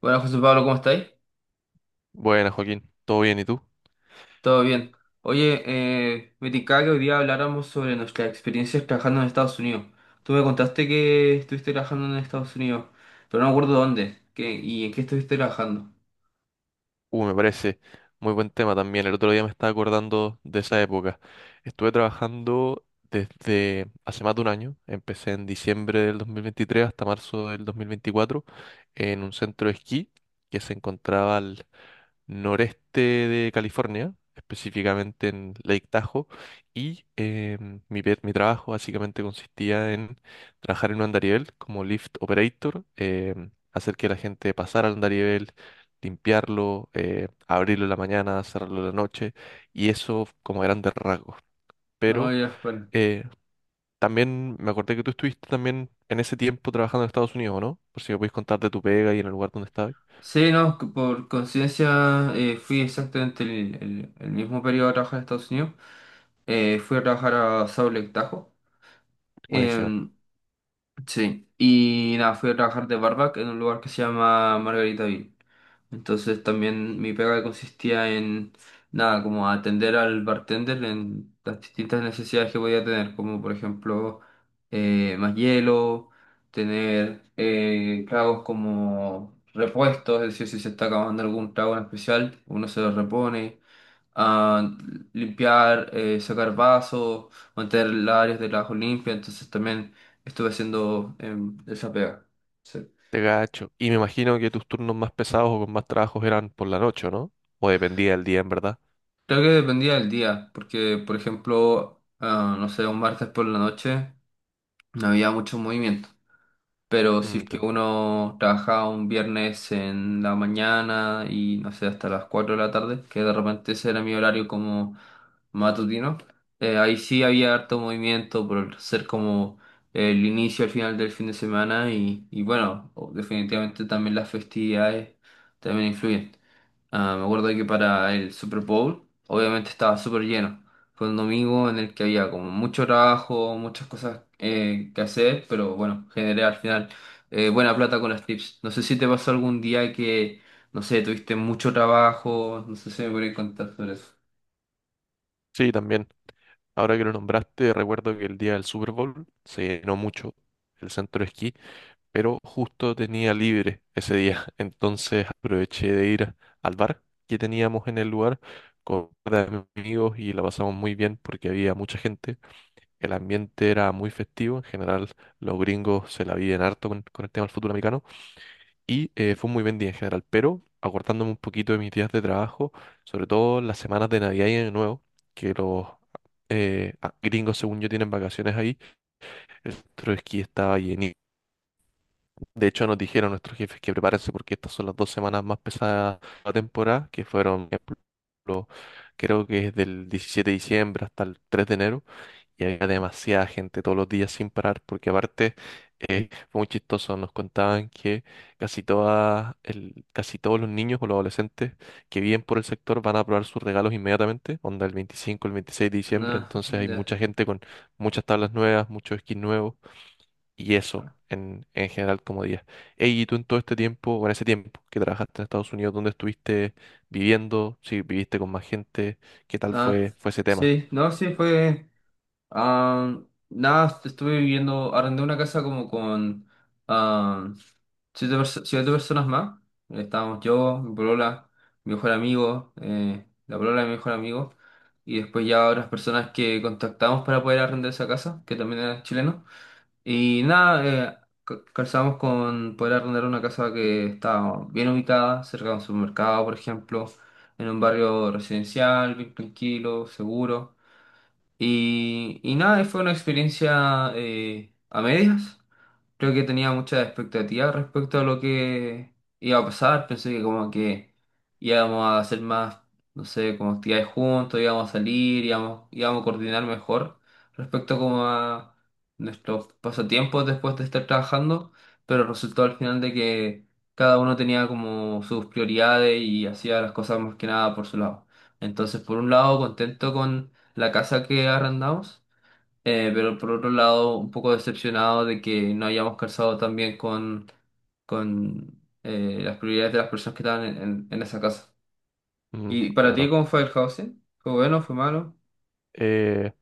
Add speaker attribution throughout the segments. Speaker 1: Hola José Pablo, ¿cómo estáis?
Speaker 2: Buenas, Joaquín. ¿Todo bien? ¿Y tú?
Speaker 1: ¿Todo bien? Oye, me tincaba que hoy día habláramos sobre nuestras experiencias trabajando en Estados Unidos. Tú me contaste que estuviste trabajando en Estados Unidos, pero no me acuerdo dónde qué, y en qué estuviste trabajando.
Speaker 2: Me parece muy buen tema también. El otro día me estaba acordando de esa época. Estuve trabajando desde hace más de un año. Empecé en diciembre del 2023 hasta marzo del 2024 en un centro de esquí que se encontraba al noreste de California, específicamente en Lake Tahoe, y mi trabajo básicamente consistía en trabajar en un andarivel como lift operator. Hacer que la gente pasara al andarivel, limpiarlo, abrirlo en la mañana, cerrarlo en la noche, y eso como grandes rasgos.
Speaker 1: No,
Speaker 2: Pero
Speaker 1: ya, bueno.
Speaker 2: eh, también me acordé que tú estuviste también en ese tiempo trabajando en Estados Unidos, ¿no? Por si me puedes contar de tu pega y en el lugar donde estabas.
Speaker 1: Sí, no, por coincidencia fui exactamente el mismo periodo a trabajar en Estados Unidos. Fui a trabajar a Salt Lake Tahoe.
Speaker 2: Buenísimo.
Speaker 1: Em, sí, y nada, fui a trabajar de barback en un lugar que se llama Margaritaville. Entonces también mi pega consistía en nada, como atender al bartender en las distintas necesidades que podía tener, como por ejemplo más hielo, tener tragos como repuestos, es decir, si se está acabando algún trago en especial, uno se lo repone, a limpiar, sacar vasos, mantener las áreas de trabajo limpias. Entonces también estuve haciendo esa pega. Sí.
Speaker 2: Te gacho. Y me imagino que tus turnos más pesados o con más trabajos eran por la noche, ¿o no? O dependía del día, en verdad.
Speaker 1: Creo que dependía del día, porque por ejemplo, no sé, un martes por la noche no había mucho movimiento, pero si es
Speaker 2: Mm,
Speaker 1: que
Speaker 2: te-
Speaker 1: uno trabajaba un viernes en la mañana y no sé, hasta las 4 de la tarde, que de repente ese era mi horario como matutino, ahí sí había harto movimiento por ser como el inicio al final del fin de semana y bueno, definitivamente también las festividades también influyen. Me acuerdo que para el Super Bowl, obviamente estaba súper lleno. Fue un domingo en el que había como mucho trabajo, muchas cosas que hacer, pero bueno, generé al final buena plata con los tips. No sé si te pasó algún día que, no sé, tuviste mucho trabajo, no sé si me podrías contar sobre eso.
Speaker 2: Sí, también. Ahora que lo nombraste, recuerdo que el día del Super Bowl se llenó mucho el centro de esquí, pero justo tenía libre ese día. Entonces aproveché de ir al bar que teníamos en el lugar con un par de amigos y la pasamos muy bien porque había mucha gente. El ambiente era muy festivo. En general, los gringos se la viven harto con el tema del fútbol americano. Y fue un muy buen día en general, pero acordándome un poquito de mis días de trabajo, sobre todo las semanas de Navidad y Año Nuevo, que los gringos, según yo, tienen vacaciones ahí, el centro de esquí estaba llenísimo. De hecho, nos dijeron nuestros jefes que prepárense porque estas son las 2 semanas más pesadas de la temporada, que fueron, por ejemplo, creo que es del 17 de diciembre hasta el 3 de enero, y había demasiada gente todos los días sin parar, porque aparte fue muy chistoso, nos contaban que casi todos los niños o los adolescentes que viven por el sector van a probar sus regalos inmediatamente, onda el 25 el 26 de diciembre.
Speaker 1: No,
Speaker 2: Entonces hay
Speaker 1: ya.
Speaker 2: mucha gente con muchas tablas nuevas, muchos skins nuevos y eso. En general como día. Ey, ¿y tú en todo este tiempo, o en ese tiempo que trabajaste en Estados Unidos, dónde estuviste viviendo? Si viviste con más gente, ¿qué tal
Speaker 1: Ah,
Speaker 2: fue, fue ese tema?
Speaker 1: sí, no, sí, ah, nada, estuve viviendo, arrendé una casa como con ah, siete personas más. Estábamos yo, mi polola, mi mejor amigo, la polola de mi mejor amigo, y después ya otras personas que contactamos para poder arrendar esa casa, que también era chileno. Y nada, calzamos con poder arrendar una casa que estaba bien ubicada, cerca de un supermercado, por ejemplo, en un barrio residencial, bien tranquilo, seguro. Y nada, fue una experiencia a medias. Creo que tenía muchas expectativas respecto a lo que iba a pasar. Pensé que como que íbamos a hacer más, no sé, como actividades juntos, íbamos a salir, íbamos a coordinar mejor respecto como a nuestros pasatiempos después de estar trabajando, pero resultó al final de que cada uno tenía como sus prioridades y hacía las cosas más que nada por su lado. Entonces, por un lado, contento con la casa que arrendamos. Pero por otro lado, un poco decepcionado de que no hayamos calzado tan bien con las prioridades de las personas que estaban en esa casa.
Speaker 2: Mm,
Speaker 1: ¿Y para ti
Speaker 2: claro.
Speaker 1: cómo fue el housing? ¿Fue bueno? ¿Fue malo?
Speaker 2: Eh,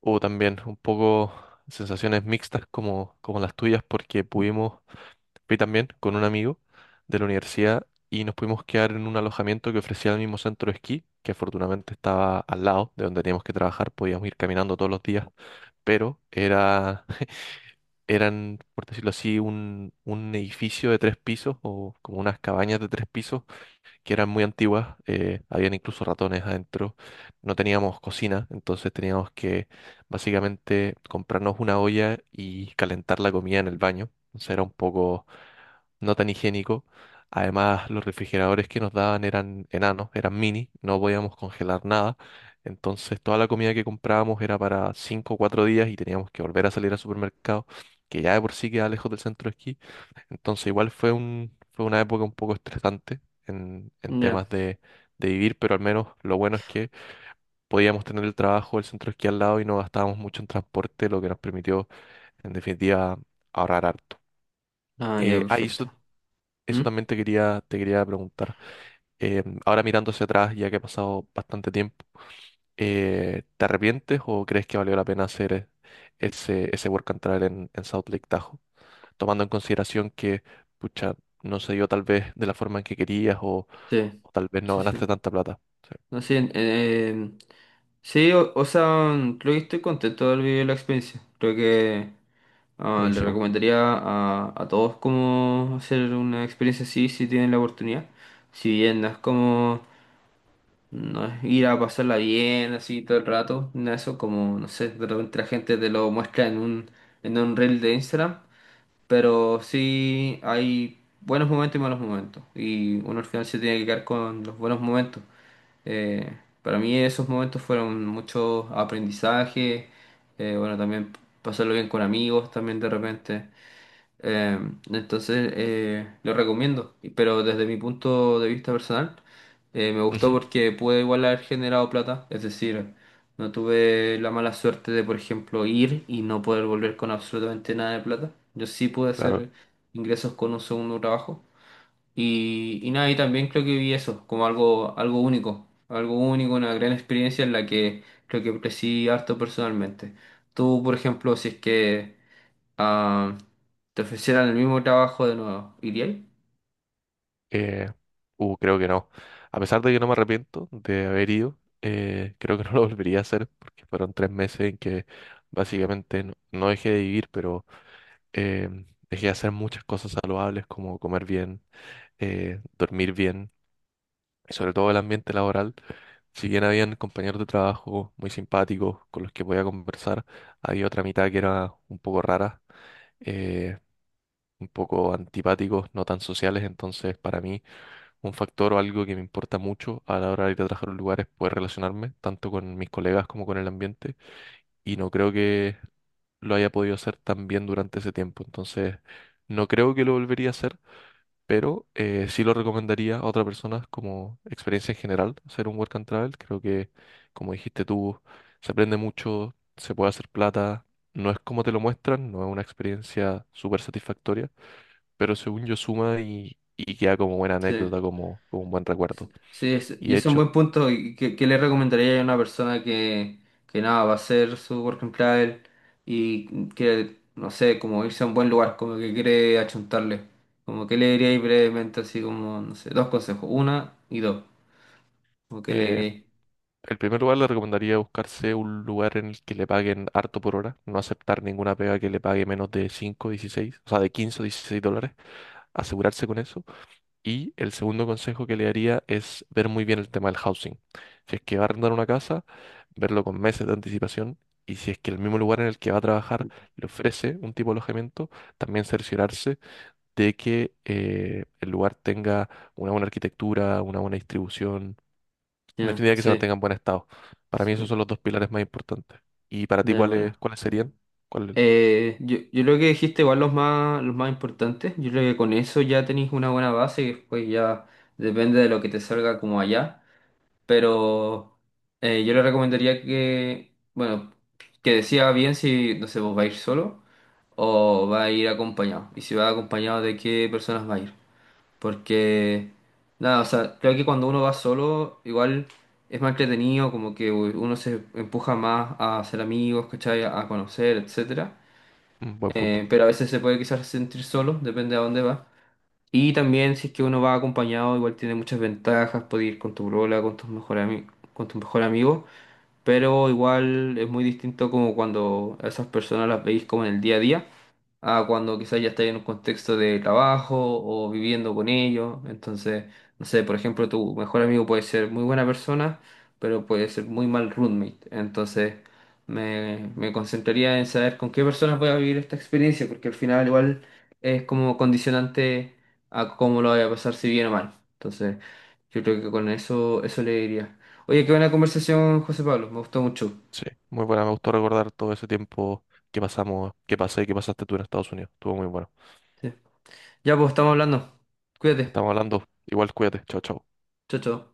Speaker 2: O también un poco sensaciones mixtas, como, como las tuyas, porque fui también con un amigo de la universidad y nos pudimos quedar en un alojamiento que ofrecía el mismo centro de esquí, que afortunadamente estaba al lado de donde teníamos que trabajar, podíamos ir caminando todos los días, pero era, eran, por decirlo así, un edificio de tres pisos o como unas cabañas de tres pisos que eran muy antiguas. Habían incluso ratones adentro, no teníamos cocina, entonces teníamos que básicamente comprarnos una olla y calentar la comida en el baño, entonces era un poco no tan higiénico. Además, los refrigeradores que nos daban eran enanos, eran mini, no podíamos congelar nada. Entonces, toda la comida que comprábamos era para 5 o 4 días y teníamos que volver a salir al supermercado, que ya de por sí queda lejos del centro de esquí. Entonces igual fue una época un poco estresante en
Speaker 1: Ya.
Speaker 2: temas de vivir, pero al menos lo bueno es que podíamos tener el trabajo, el centro de esquí al lado y no gastábamos mucho en transporte, lo que nos permitió en definitiva ahorrar harto.
Speaker 1: Ah, ya,
Speaker 2: Y eso,
Speaker 1: perfecto. ¿Mm?
Speaker 2: eso también te quería preguntar. Ahora mirando hacia atrás, ya que ha pasado bastante tiempo, ¿te arrepientes o crees que valió la pena hacer ese work and travel en South Lake Tahoe? Tomando en consideración que, pucha, no se dio tal vez de la forma en que querías, o,
Speaker 1: Sí,
Speaker 2: o tal vez no
Speaker 1: sí, sí.
Speaker 2: ganaste tanta plata. Sí,
Speaker 1: No, sí, sí, o sea, creo que estoy contento de haber vivido la experiencia. Creo que le
Speaker 2: buenísimo.
Speaker 1: recomendaría a todos cómo hacer una experiencia así si tienen la oportunidad. Si bien no es como, no es ir a pasarla bien así todo el rato, no eso como, no sé, de repente la gente te lo muestra en un reel de Instagram, pero sí hay buenos momentos y malos momentos, y uno al final se tiene que quedar con los buenos momentos. Eh, para mí esos momentos fueron mucho aprendizaje. Bueno, también pasarlo bien con amigos también de repente. Eh, entonces, lo recomiendo, pero desde mi punto de vista personal, me gustó
Speaker 2: Ujú,
Speaker 1: porque pude igual haber generado plata, es decir, no tuve la mala suerte de, por ejemplo, ir y no poder volver con absolutamente nada de plata. Yo sí pude
Speaker 2: claro.
Speaker 1: hacer ingresos con un segundo trabajo, y nada, y también creo que vi eso como algo, único, algo único, una gran experiencia en la que creo que crecí harto personalmente. Tú, por ejemplo, si es que ah, te ofrecieran el mismo trabajo de nuevo, ¿irías?
Speaker 2: Eh, Creo que no. A pesar de que no me arrepiento de haber ido, creo que no lo volvería a hacer porque fueron 3 meses en que básicamente no dejé de vivir, pero eh, dejé de hacer muchas cosas saludables como comer bien, dormir bien, sobre todo el ambiente laboral. Si bien habían compañeros de trabajo muy simpáticos con los que podía conversar, había otra mitad que era un poco rara, eh, un poco antipáticos, no tan sociales. Entonces, para mí, un factor o algo que me importa mucho a la hora de ir a trabajar a un lugar es poder relacionarme tanto con mis colegas como con el ambiente. Y no creo que lo haya podido hacer tan bien durante ese tiempo. Entonces, no creo que lo volvería a hacer, pero sí lo recomendaría a otras personas como experiencia en general, hacer un work and travel. Creo que, como dijiste tú, se aprende mucho, se puede hacer plata, no es como te lo muestran, no es una experiencia súper satisfactoria, pero según yo suma y queda como buena
Speaker 1: Sí.
Speaker 2: anécdota, como, como un buen
Speaker 1: Sí,
Speaker 2: recuerdo.
Speaker 1: sí,
Speaker 2: Y
Speaker 1: y
Speaker 2: de
Speaker 1: ese es un
Speaker 2: hecho,
Speaker 1: buen punto. ¿Y qué, le recomendaría a una persona que, nada, va a hacer su work and travel y que, no sé, como irse a un buen lugar, como que quiere achuntarle? Como que le diríais brevemente, así como, no sé, dos consejos, una y dos. Como que le
Speaker 2: eh,
Speaker 1: diríais.
Speaker 2: el primer lugar le recomendaría buscarse un lugar en el que le paguen harto por hora, no aceptar ninguna pega que le pague menos de 5 dieciséis, o sea, de 15 o 16 dólares, asegurarse con eso. Y el segundo consejo que le daría es ver muy bien el tema del housing. Si es que va a arrendar una casa, verlo con meses de anticipación. Y si es que el mismo lugar en el que va a trabajar le ofrece un tipo de alojamiento, también cerciorarse de que el lugar tenga una buena arquitectura, una buena distribución, en
Speaker 1: Ya,
Speaker 2: definitiva que se
Speaker 1: sí,
Speaker 2: mantenga en buen estado. Para mí esos
Speaker 1: sí,
Speaker 2: son los dos pilares más importantes. ¿Y para ti
Speaker 1: ya acuerdo.
Speaker 2: cuáles serían? ¿Cuál?
Speaker 1: Yo, creo que dijiste igual los más importantes. Yo creo que con eso ya tenéis una buena base y después ya depende de lo que te salga como allá. Pero yo le recomendaría que, bueno, que decida bien si, no sé, vos va a ir solo o va a ir acompañado. Y si va acompañado, ¿de qué personas va a ir? Porque, nada, o sea, creo que cuando uno va solo, igual es más entretenido, como que uno se empuja más a hacer amigos, ¿cachai? A conocer, etcétera.
Speaker 2: Mm, buen punto.
Speaker 1: Pero a veces se puede quizás sentir solo, depende a dónde va. Y también si es que uno va acompañado, igual tiene muchas ventajas, puede ir con tu brola, con tu mejor amigo, pero igual es muy distinto como cuando a esas personas las veis como en el día a día a cuando quizás ya estáis en un contexto de trabajo o viviendo con ellos. Entonces, no sé, por ejemplo, tu mejor amigo puede ser muy buena persona, pero puede ser muy mal roommate. Entonces, me concentraría en saber con qué personas voy a vivir esta experiencia, porque al final igual es como condicionante a cómo lo voy a pasar, si bien o mal. Entonces, yo creo que con eso, eso le diría. Oye, qué buena conversación, José Pablo. Me gustó mucho.
Speaker 2: Sí, muy buena. Me gustó recordar todo ese tiempo que pasamos, que pasé y que pasaste tú en Estados Unidos. Estuvo muy bueno.
Speaker 1: Sí. Ya pues, estamos hablando. Cuídate.
Speaker 2: Estamos hablando. Igual cuídate. Chao, chao.
Speaker 1: Chao, chao.